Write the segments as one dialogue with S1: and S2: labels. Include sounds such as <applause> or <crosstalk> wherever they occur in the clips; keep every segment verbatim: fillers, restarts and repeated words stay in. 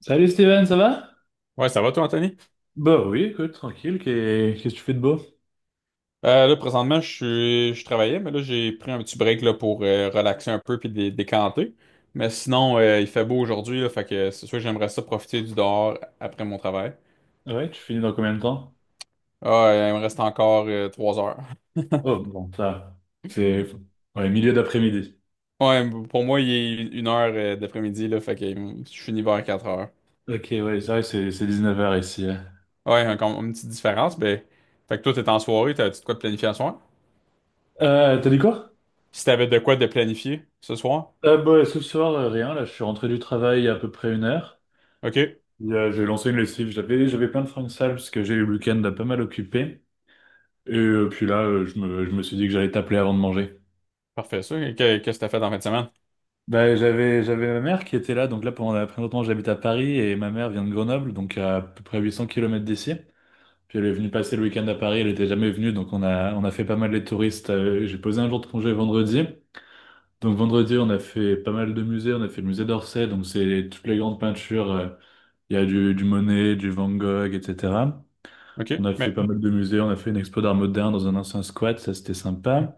S1: Salut Steven, ça va?
S2: Ouais, ça va toi, Anthony?
S1: Bah oui, écoute, tranquille, qu'est- qu'est-ce que tu fais de beau?
S2: Euh, là, présentement, je suis, je travaillais, mais là, j'ai pris un petit break là, pour euh, relaxer un peu puis dé- décanter. Mais sinon, euh, il fait beau aujourd'hui, là, fait que c'est sûr que j'aimerais ça profiter du dehors après mon travail.
S1: Ouais, tu finis dans combien de temps?
S2: Ah, euh, il me reste encore euh, trois heures. <laughs>
S1: Oh, bon, ça, va. C'est Ouais, milieu d'après-midi.
S2: Ouais, pour moi, il est une heure euh, d'après-midi, là, fait que euh, je finis vers quatre heures.
S1: Ok, ouais, c'est vrai, c'est c'est dix-neuf heures ici. Ouais.
S2: Ouais, un- comme une petite différence, mais... Fait que toi, t'es en soirée, t'as-tu de quoi de planifier ce soir?
S1: Euh, t'as dit quoi?
S2: Si t'avais de quoi de planifier ce soir?
S1: Euh, bah, ce soir, euh, rien, là, je suis rentré du travail il y a à peu près une heure.
S2: OK,
S1: Et, euh, j'ai lancé une lessive, j'avais j'avais plein de fringues sales parce que j'ai eu le week-end pas mal occupé. Et euh, puis là, euh, je me, je me suis dit que j'allais t'appeler avant de manger.
S2: parfait, ça. Que- Qu'est-ce que t'as fait dans la fin de semaine?
S1: Bah, j'avais, j'avais ma mère qui était là, donc là pendant la- pendant longtemps j'habite à Paris et ma mère vient de Grenoble, donc à peu près huit cents kilomètres d'ici. Puis elle est venue passer le week-end à Paris, elle était jamais venue, donc on a, on a fait pas mal les touristes. Euh, J'ai posé un jour de congé vendredi. Donc vendredi on a fait pas mal de musées, on a fait le musée d'Orsay, donc c'est toutes les grandes peintures. Euh, Il y a du, du Monet, du Van Gogh, et cetera.
S2: OK,
S1: On a fait
S2: mais...
S1: pas mal de musées, on a fait une expo d'art moderne dans un ancien squat, ça c'était sympa.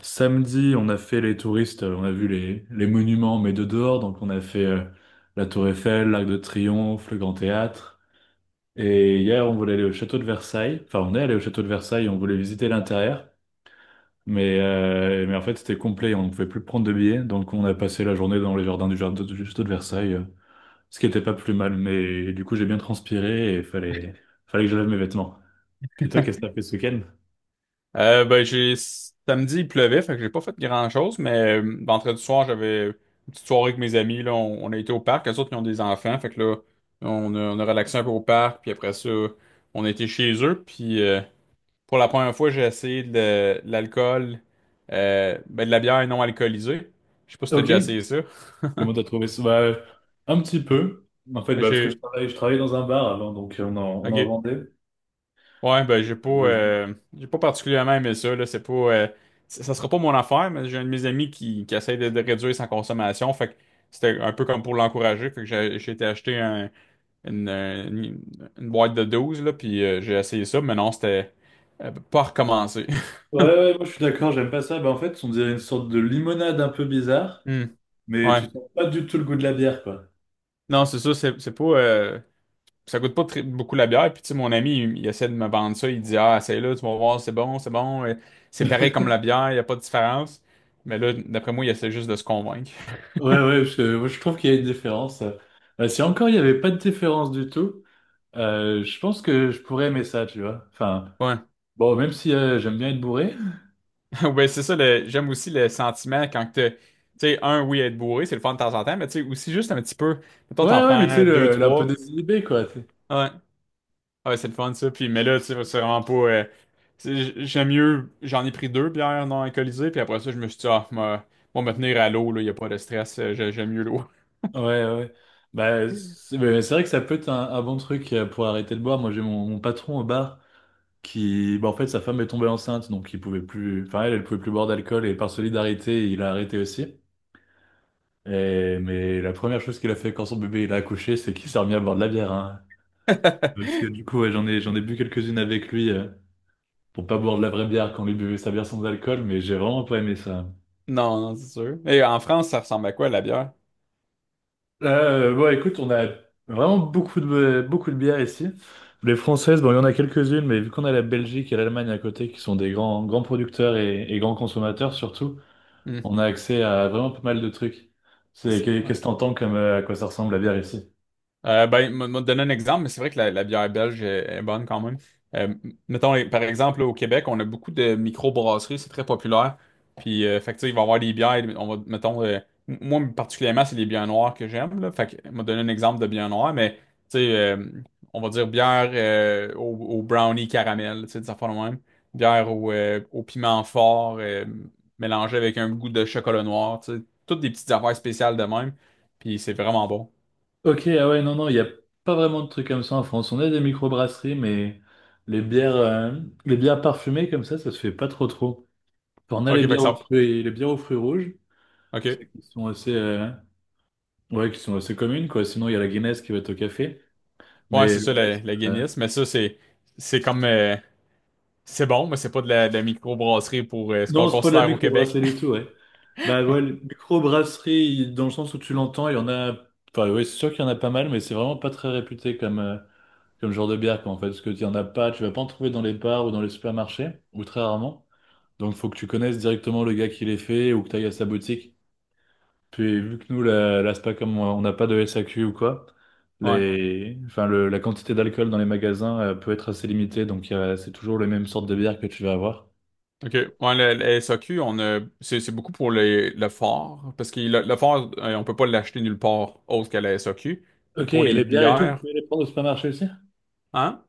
S1: Samedi, on a fait les touristes, euh, on a vu les, les monuments, mais de dehors. Donc, on a fait euh, la Tour Eiffel, l'Arc de Triomphe, le Grand Théâtre. Et hier, on voulait aller au château de Versailles. Enfin, on est allé au château de Versailles, on voulait visiter l'intérieur. Mais, euh, mais en fait, c'était complet, on ne pouvait plus prendre de billets. Donc, on a passé la journée dans les jardins du, jardin- du château de Versailles, euh, ce qui n'était pas plus mal. Mais du coup, j'ai bien transpiré et fallait, fallait que je lave mes vêtements. Puis toi,
S2: <laughs>
S1: qu'est-ce que t'as fait ce week-end?
S2: Euh, ben, j'ai samedi, il pleuvait, fait que j'ai pas fait grand-chose, mais euh, vendredi soir, j'avais une petite soirée avec mes amis. Là, on, on a été au parc, eux autres, ils ont des enfants, fait que là, on a, on a relaxé un peu au parc, puis après ça, on a été chez eux, puis euh, pour la première fois, j'ai essayé de, la- de l'alcool, euh, ben, de la bière non alcoolisée. Je sais pas si t'as
S1: Ok.
S2: déjà essayé ça.
S1: Comment t'as trouvé ça? Bah, un petit peu. En fait, bah, parce que je
S2: J'ai...
S1: travaillais, je travaillais dans un bar avant, donc euh, on en, on en
S2: OK.
S1: vendait.
S2: Ouais, ben j'ai pas
S1: Euh, ouais,
S2: euh, j'ai pas particulièrement aimé ça, là. C'est pas euh, c- ça sera pas mon affaire, mais j'ai un de mes amis qui, qui essaie de, de réduire sa consommation. Fait que c'était un peu comme pour l'encourager. Fait que j'ai j'ai été acheter un- une, euh, une- une boîte de douze là, puis euh, j'ai essayé ça, mais non, c'était euh, pas recommencé. <laughs>
S1: je- ouais, ouais, moi je suis d'accord, j'aime pas ça. Bah, en fait, on dirait une sorte de limonade un peu bizarre,
S2: Hmm.
S1: mais tu
S2: Ouais.
S1: sens pas du tout le goût de la bière, quoi.
S2: Non, c'est ça, c'est c'est pas. euh, ça coûte pas très- beaucoup la bière. Puis, tu sais, mon ami, il, il essaie de me vendre ça. Il dit, ah, c'est là, tu vas voir, c'est bon, c'est bon. Et C'est pareil
S1: <laughs>
S2: comme la bière, il n'y a pas de différence. Mais là, d'après moi, il essaie juste de se convaincre.
S1: Ouais, ouais, je, moi, je trouve qu'il y a une différence. Euh, si encore il n'y avait pas de différence du tout, euh, je pense que je pourrais aimer ça, tu vois. Enfin,
S2: Ouais.
S1: bon, même si euh, j'aime bien être bourré.
S2: <laughs> Ouais, c'est ça, le- j'aime aussi le sentiment quand que t'as- tu sais, un, oui, être bourré, c'est le fun de temps en temps, mais tu sais, aussi juste un petit peu. Mettons, t'en
S1: Ouais, ouais, mais tu sais,
S2: prends deux,
S1: le, un peu
S2: trois.
S1: désinhibé, quoi.
S2: Ouais. Ouais, c'est le fun, ça. Puis, mais là, tu sais, c'est vraiment pas. euh, c'est- J'aime mieux, j'en ai pris deux bières non alcoolisées, puis après ça, je me suis dit, ah, moi, moi, me tenir à l'eau, là, y a pas de stress, euh, j'ai- j'aime mieux l'eau.
S1: Ouais, ouais. Ouais. Bah, c'est mais c'est vrai que ça peut être un, un bon truc euh, pour arrêter de boire. Moi, j'ai mon, mon patron au bar qui, bah, en fait, sa femme est tombée enceinte, donc il pouvait plus, enfin, elle, elle pouvait plus boire d'alcool et par solidarité, il a arrêté aussi. Et, mais la première chose qu'il a fait quand son bébé il a accouché, c'est qu'il s'est remis à boire de la bière, hein. Euh, Parce que
S2: <laughs>
S1: du coup, ouais, j'en ai, j'en ai bu quelques-unes avec lui euh, pour pas boire de la vraie bière quand lui buvait sa bière sans alcool, mais j'ai vraiment pas aimé ça.
S2: Non, non, c'est sûr. Et en France, ça ressemble à quoi la bière?
S1: Euh, bon, écoute, on a vraiment beaucoup de, beaucoup de bières ici. Les françaises, bon, il y en a quelques-unes, mais vu qu'on a la Belgique et l'Allemagne à côté, qui sont des grands, grands producteurs et, et grands consommateurs surtout,
S2: Hmm.
S1: on a accès à vraiment pas mal de trucs. C'est,
S2: C'est- ouais.
S1: qu'est- ce que t'entends comme euh, à quoi ça ressemble la bière ici?
S2: Euh, ben, moi, moi, te donner un exemple, mais c'est vrai que la, la bière belge est, est bonne quand même. Euh, mettons, les- par exemple, là, au Québec, on a beaucoup de micro-brasseries, c'est très populaire. Puis, euh, fait que, tu sais, il va y avoir des bières, on va, mettons, euh, m- moi, particulièrement, c'est les bières noires que j'aime, là. Fait que, m'a donné un exemple de bière noire, mais, tu sais, euh, on va dire bière euh, au, au, brownie caramel, tu sais, des affaires de même. Bière au, euh, au piment fort, euh, mélangée avec un goût de chocolat noir, tu sais. Toutes des petites affaires spéciales de même. Puis, c'est vraiment bon.
S1: Ok, ah ouais, non, non, il n'y a pas vraiment de trucs comme ça en France. On a des microbrasseries, mais les bières, euh, les bières parfumées comme ça, ça se fait pas trop trop. Enfin, on a
S2: OK,
S1: les
S2: fait que
S1: bières aux
S2: ça.
S1: fruits, les bières aux fruits rouges,
S2: OK.
S1: celles qui sont assez, euh, ouais, qui sont assez communes, quoi. Sinon, il y a la Guinness qui va être au café.
S2: Ouais,
S1: Mais
S2: c'est
S1: le
S2: ça, la,
S1: reste.
S2: la
S1: Euh,
S2: Guinness. Mais ça, c'est c'est comme... euh, c'est bon, mais c'est pas de la, de la microbrasserie pour euh, ce qu'on
S1: Non, c'est pas de la
S2: considère au Québec.
S1: microbrasserie du tout,
S2: <laughs>
S1: ouais. Bah ouais, le- microbrasserie, il- dans le sens où tu l'entends, il y en a. Enfin, ouais, c'est sûr qu'il y en a pas mal, mais c'est vraiment pas très réputé comme, euh, comme genre de bière, quoi, en fait. Parce que tu en as pas, tu vas pas en trouver dans les bars ou dans les supermarchés, ou très rarement. Donc, faut que tu connaisses directement le gars qui les fait ou que tu ailles à sa boutique. Puis vu que nous, la, la S P A, comme on on n'a pas de S A Q ou quoi,
S2: Ouais.
S1: les, enfin, le- la quantité d'alcool dans les magasins euh, peut être assez limitée, donc il y a c'est toujours les mêmes sortes de bières que tu vas avoir.
S2: OK. Ouais, le, le S A Q, on a, c'est c'est beaucoup pour le, le fort, parce que le, le fort, euh, on peut pas l'acheter nulle part autre qu'à la S A Q. Mais
S1: Ok,
S2: pour
S1: et
S2: les
S1: les bières et tout, vous
S2: bières,
S1: pouvez les prendre au supermarché aussi?
S2: hein?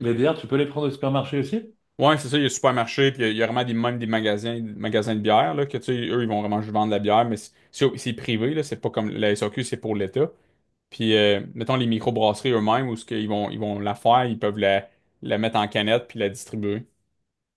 S1: Les bières, tu peux les prendre au supermarché aussi?
S2: Ouais, c'est ça, il y a supermarché, puis il y a, il y a vraiment des, même des magasins, des magasins de bière, là, que tu sais, eux, ils vont vraiment juste vendre de la bière, mais c'est c'est- c'est privé, là, c'est pas comme la S A Q, c'est pour l'État. Puis, euh, mettons, les microbrasseries eux-mêmes, où ce qu'ils vont, ils vont la faire, ils peuvent la, la mettre en canette puis la distribuer.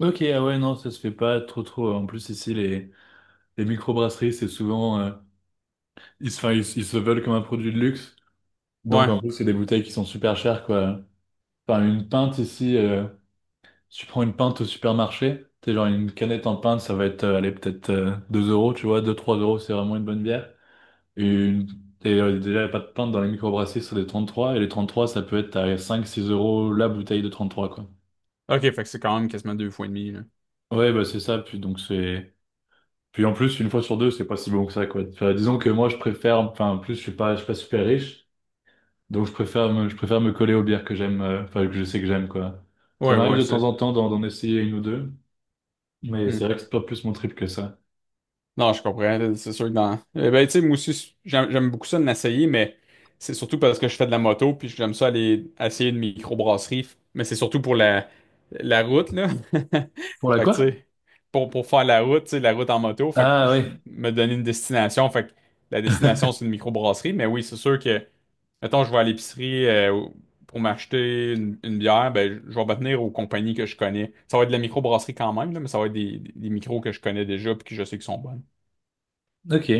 S1: Ok, ah ouais, non, ça se fait pas trop trop. En plus, ici, les, les microbrasseries, c'est souvent euh, ils, se- enfin, ils, ils se veulent comme un produit de luxe, donc
S2: Ouais.
S1: en plus, c'est des bouteilles qui sont super chères, quoi. Enfin, une pinte ici. Euh, Si tu prends une pinte au supermarché, t'es genre une canette en pinte, ça va être, euh, allez, peut-être euh, deux euros, tu vois, deux trois euros, c'est vraiment une bonne bière. Et, une... et euh, Déjà, il n'y a pas de pinte dans les microbrasseries, c'est des trente trois et les trente trois ça peut être à cinq six euros la bouteille de trente trois quoi.
S2: OK, fait que c'est quand même quasiment deux fois et demi, là.
S1: Ouais, bah c'est ça, puis donc c'est. Puis en plus, une fois sur deux, c'est pas si bon que ça, quoi. Enfin, disons que moi, je préfère, enfin, en plus, je suis pas, je suis pas super riche, donc je préfère me, je préfère me coller aux bières que j'aime, euh, enfin, que je sais que j'aime, quoi. Ça
S2: Ouais,
S1: m'arrive
S2: ouais,
S1: de temps
S2: c'est...
S1: en temps d'en d'en essayer une ou deux, mais c'est
S2: hmm.
S1: vrai que c'est pas plus mon trip que ça.
S2: Non, je comprends. C'est sûr que dans. Eh ben, tu sais, moi aussi, j'aime j'aime beaucoup ça de l'essayer, mais c'est surtout parce que je fais de la moto, puis j'aime ça aller essayer une microbrasserie. Mais c'est surtout pour la, la route, là. <laughs>
S1: Pour la
S2: Fait que, tu
S1: quoi?
S2: sais, pour, pour faire la route, tu sais, la route en moto, fait que
S1: Ah
S2: je
S1: ouais,
S2: me donner une destination. Fait que la destination, c'est une microbrasserie. Mais oui, c'est sûr que, mettons, je vais à l'épicerie euh, pour m'acheter une, une bière, ben, je je vais me tenir aux compagnies que je connais. Ça va être de la microbrasserie quand même, là, mais ça va être des, des micros que je connais déjà, puis que je sais qu'ils sont bonnes.
S1: <laughs> ok.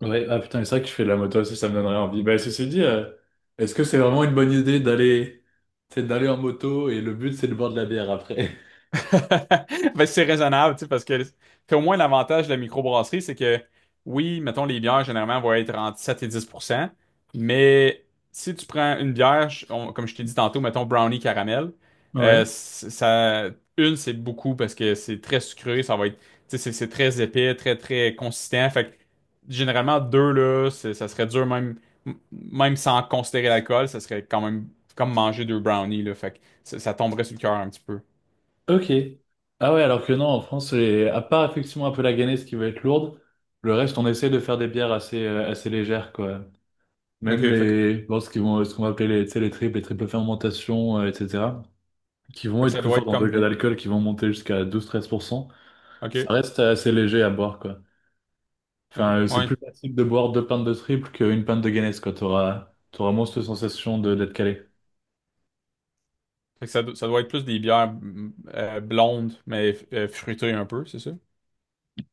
S1: Ouais, ah putain, mais c'est vrai que je fais de la moto aussi, ça me donnerait envie. Bah, ceci dit, euh, est-ce que c'est vraiment une bonne idée d'aller c'est d'aller en moto et le but c'est de boire de la bière après? <laughs>
S2: <laughs> Ben, c'est raisonnable, tu sais, parce que puis au moins l'avantage de la microbrasserie, c'est que oui, mettons, les bières généralement vont être entre sept et dix pour cent mais si tu prends une bière, je- on- comme je t'ai dit tantôt, mettons brownie caramel,
S1: Ouais,
S2: euh, c- ça, une, c'est beaucoup parce que c'est très sucré, ça va être, tu sais, c'est c'est très épais, très, très consistant. Fait que généralement, deux, là, c'est- ça serait dur, même, m- même sans considérer l'alcool, ça serait quand même comme manger deux brownies, là. Fait que ça, ça tomberait sur le cœur un petit peu.
S1: ok. Ah ouais, alors que non, en France, les- à part effectivement un peu la Guinness qui va être lourde, le reste, on essaie de faire des bières assez, euh, assez légères, quoi.
S2: Ok,
S1: Même
S2: fait
S1: les, bon, ce qu'ils vont, ce qu'on va appeler les, tu sais, les triples, les triples fermentations, euh, et cetera, qui vont
S2: Fait que
S1: être
S2: ça
S1: plus
S2: doit
S1: fortes
S2: être
S1: en
S2: comme
S1: degré
S2: des.
S1: d'alcool, qui vont monter jusqu'à douze-treize pour cent, ça
S2: OK.
S1: reste assez léger à boire, quoi.
S2: OK.
S1: Enfin, euh, c'est
S2: Ouais.
S1: plus facile de boire deux pintes de triple qu'une pinte de Guinness, quoi. T'auras, t'auras moins cette sensation de d'être calé.
S2: Fait que ça, do- ça doit être plus des bières mm, euh, blondes, mais euh, fruitées un peu, c'est ça?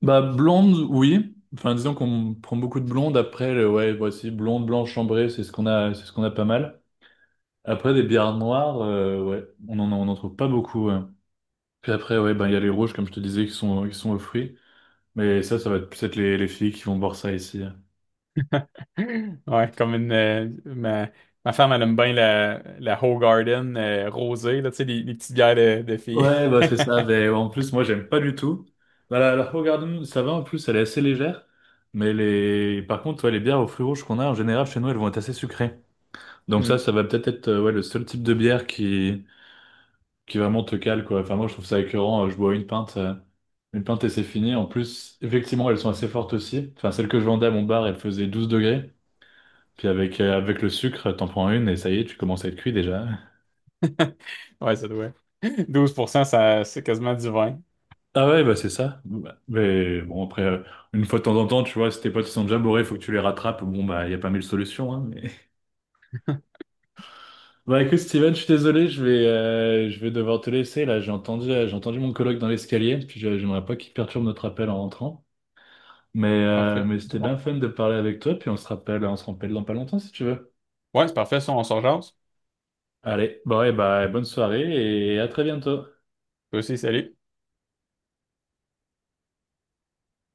S1: Bah, blonde, oui. Enfin, disons qu'on prend beaucoup de blondes. Après, le- ouais, voici, blonde, blanche, chambrée, c'est ce qu'on a, c'est ce qu'on a pas mal. Après, des bières noires, euh, ouais, on en, on en trouve pas beaucoup, hein. Puis après, ouais, ben, il y a les rouges, comme je te disais, qui sont, qui sont aux fruits. Mais ça, ça va être peut être les, les filles qui vont boire ça ici, hein.
S2: <gasps> Ouais, comme une. Euh, ma, ma femme, elle aime bien la, la Hoegaarden euh, rosée, là, tu sais, les, les petites bières de, de filles.
S1: Ouais,
S2: <laughs>
S1: bah c'est ça. Mais en plus, moi, j'aime pas du tout. Bah, la, la Hoegaarden, ça va. En plus, elle est assez légère. Mais les, par contre, ouais, les bières au fruits rouges qu'on a en général chez nous, elles vont être assez sucrées. Donc ça,
S2: Hmm.
S1: ça va peut-être être, euh, ouais, le seul type de bière qui, qui vraiment te cale, quoi. Enfin, moi, je trouve ça écœurant. Euh, Je bois une pinte, euh, une pinte et c'est fini. En plus, effectivement, elles sont assez fortes aussi. Enfin, celle que je vendais à mon bar, elle faisait douze degrés. Puis avec, euh, avec le sucre, t'en prends une et ça y est, tu commences à être cuit déjà.
S2: <laughs> Ouais, ça doit. douze pour cent ça, c'est quasiment du vin.
S1: Ah ouais, bah c'est ça. Bon, bah, mais bon, après, euh, une fois de temps en temps, tu vois, si tes potes ils sont déjà bourrés, faut que tu les rattrapes. Bon, bah, il y a pas mille solutions, hein, mais... <laughs> Bah écoute, Steven, je suis désolé, je vais, euh, je vais devoir te laisser. Là, j'ai entendu, euh, j'ai entendu mon coloc dans l'escalier, puis je- j'aimerais pas qu'il perturbe notre appel en rentrant. Mais, euh,
S2: Parfait.
S1: mais
S2: C'est
S1: c'était
S2: bon.
S1: bien fun de parler avec toi, puis on se rappelle, on se rappelle dans pas longtemps si tu veux.
S2: Ouais, c'est parfait. Ça, on s'en jase.
S1: Allez, bon, et bah, bonne soirée et à très bientôt.
S2: Toi aussi, salut.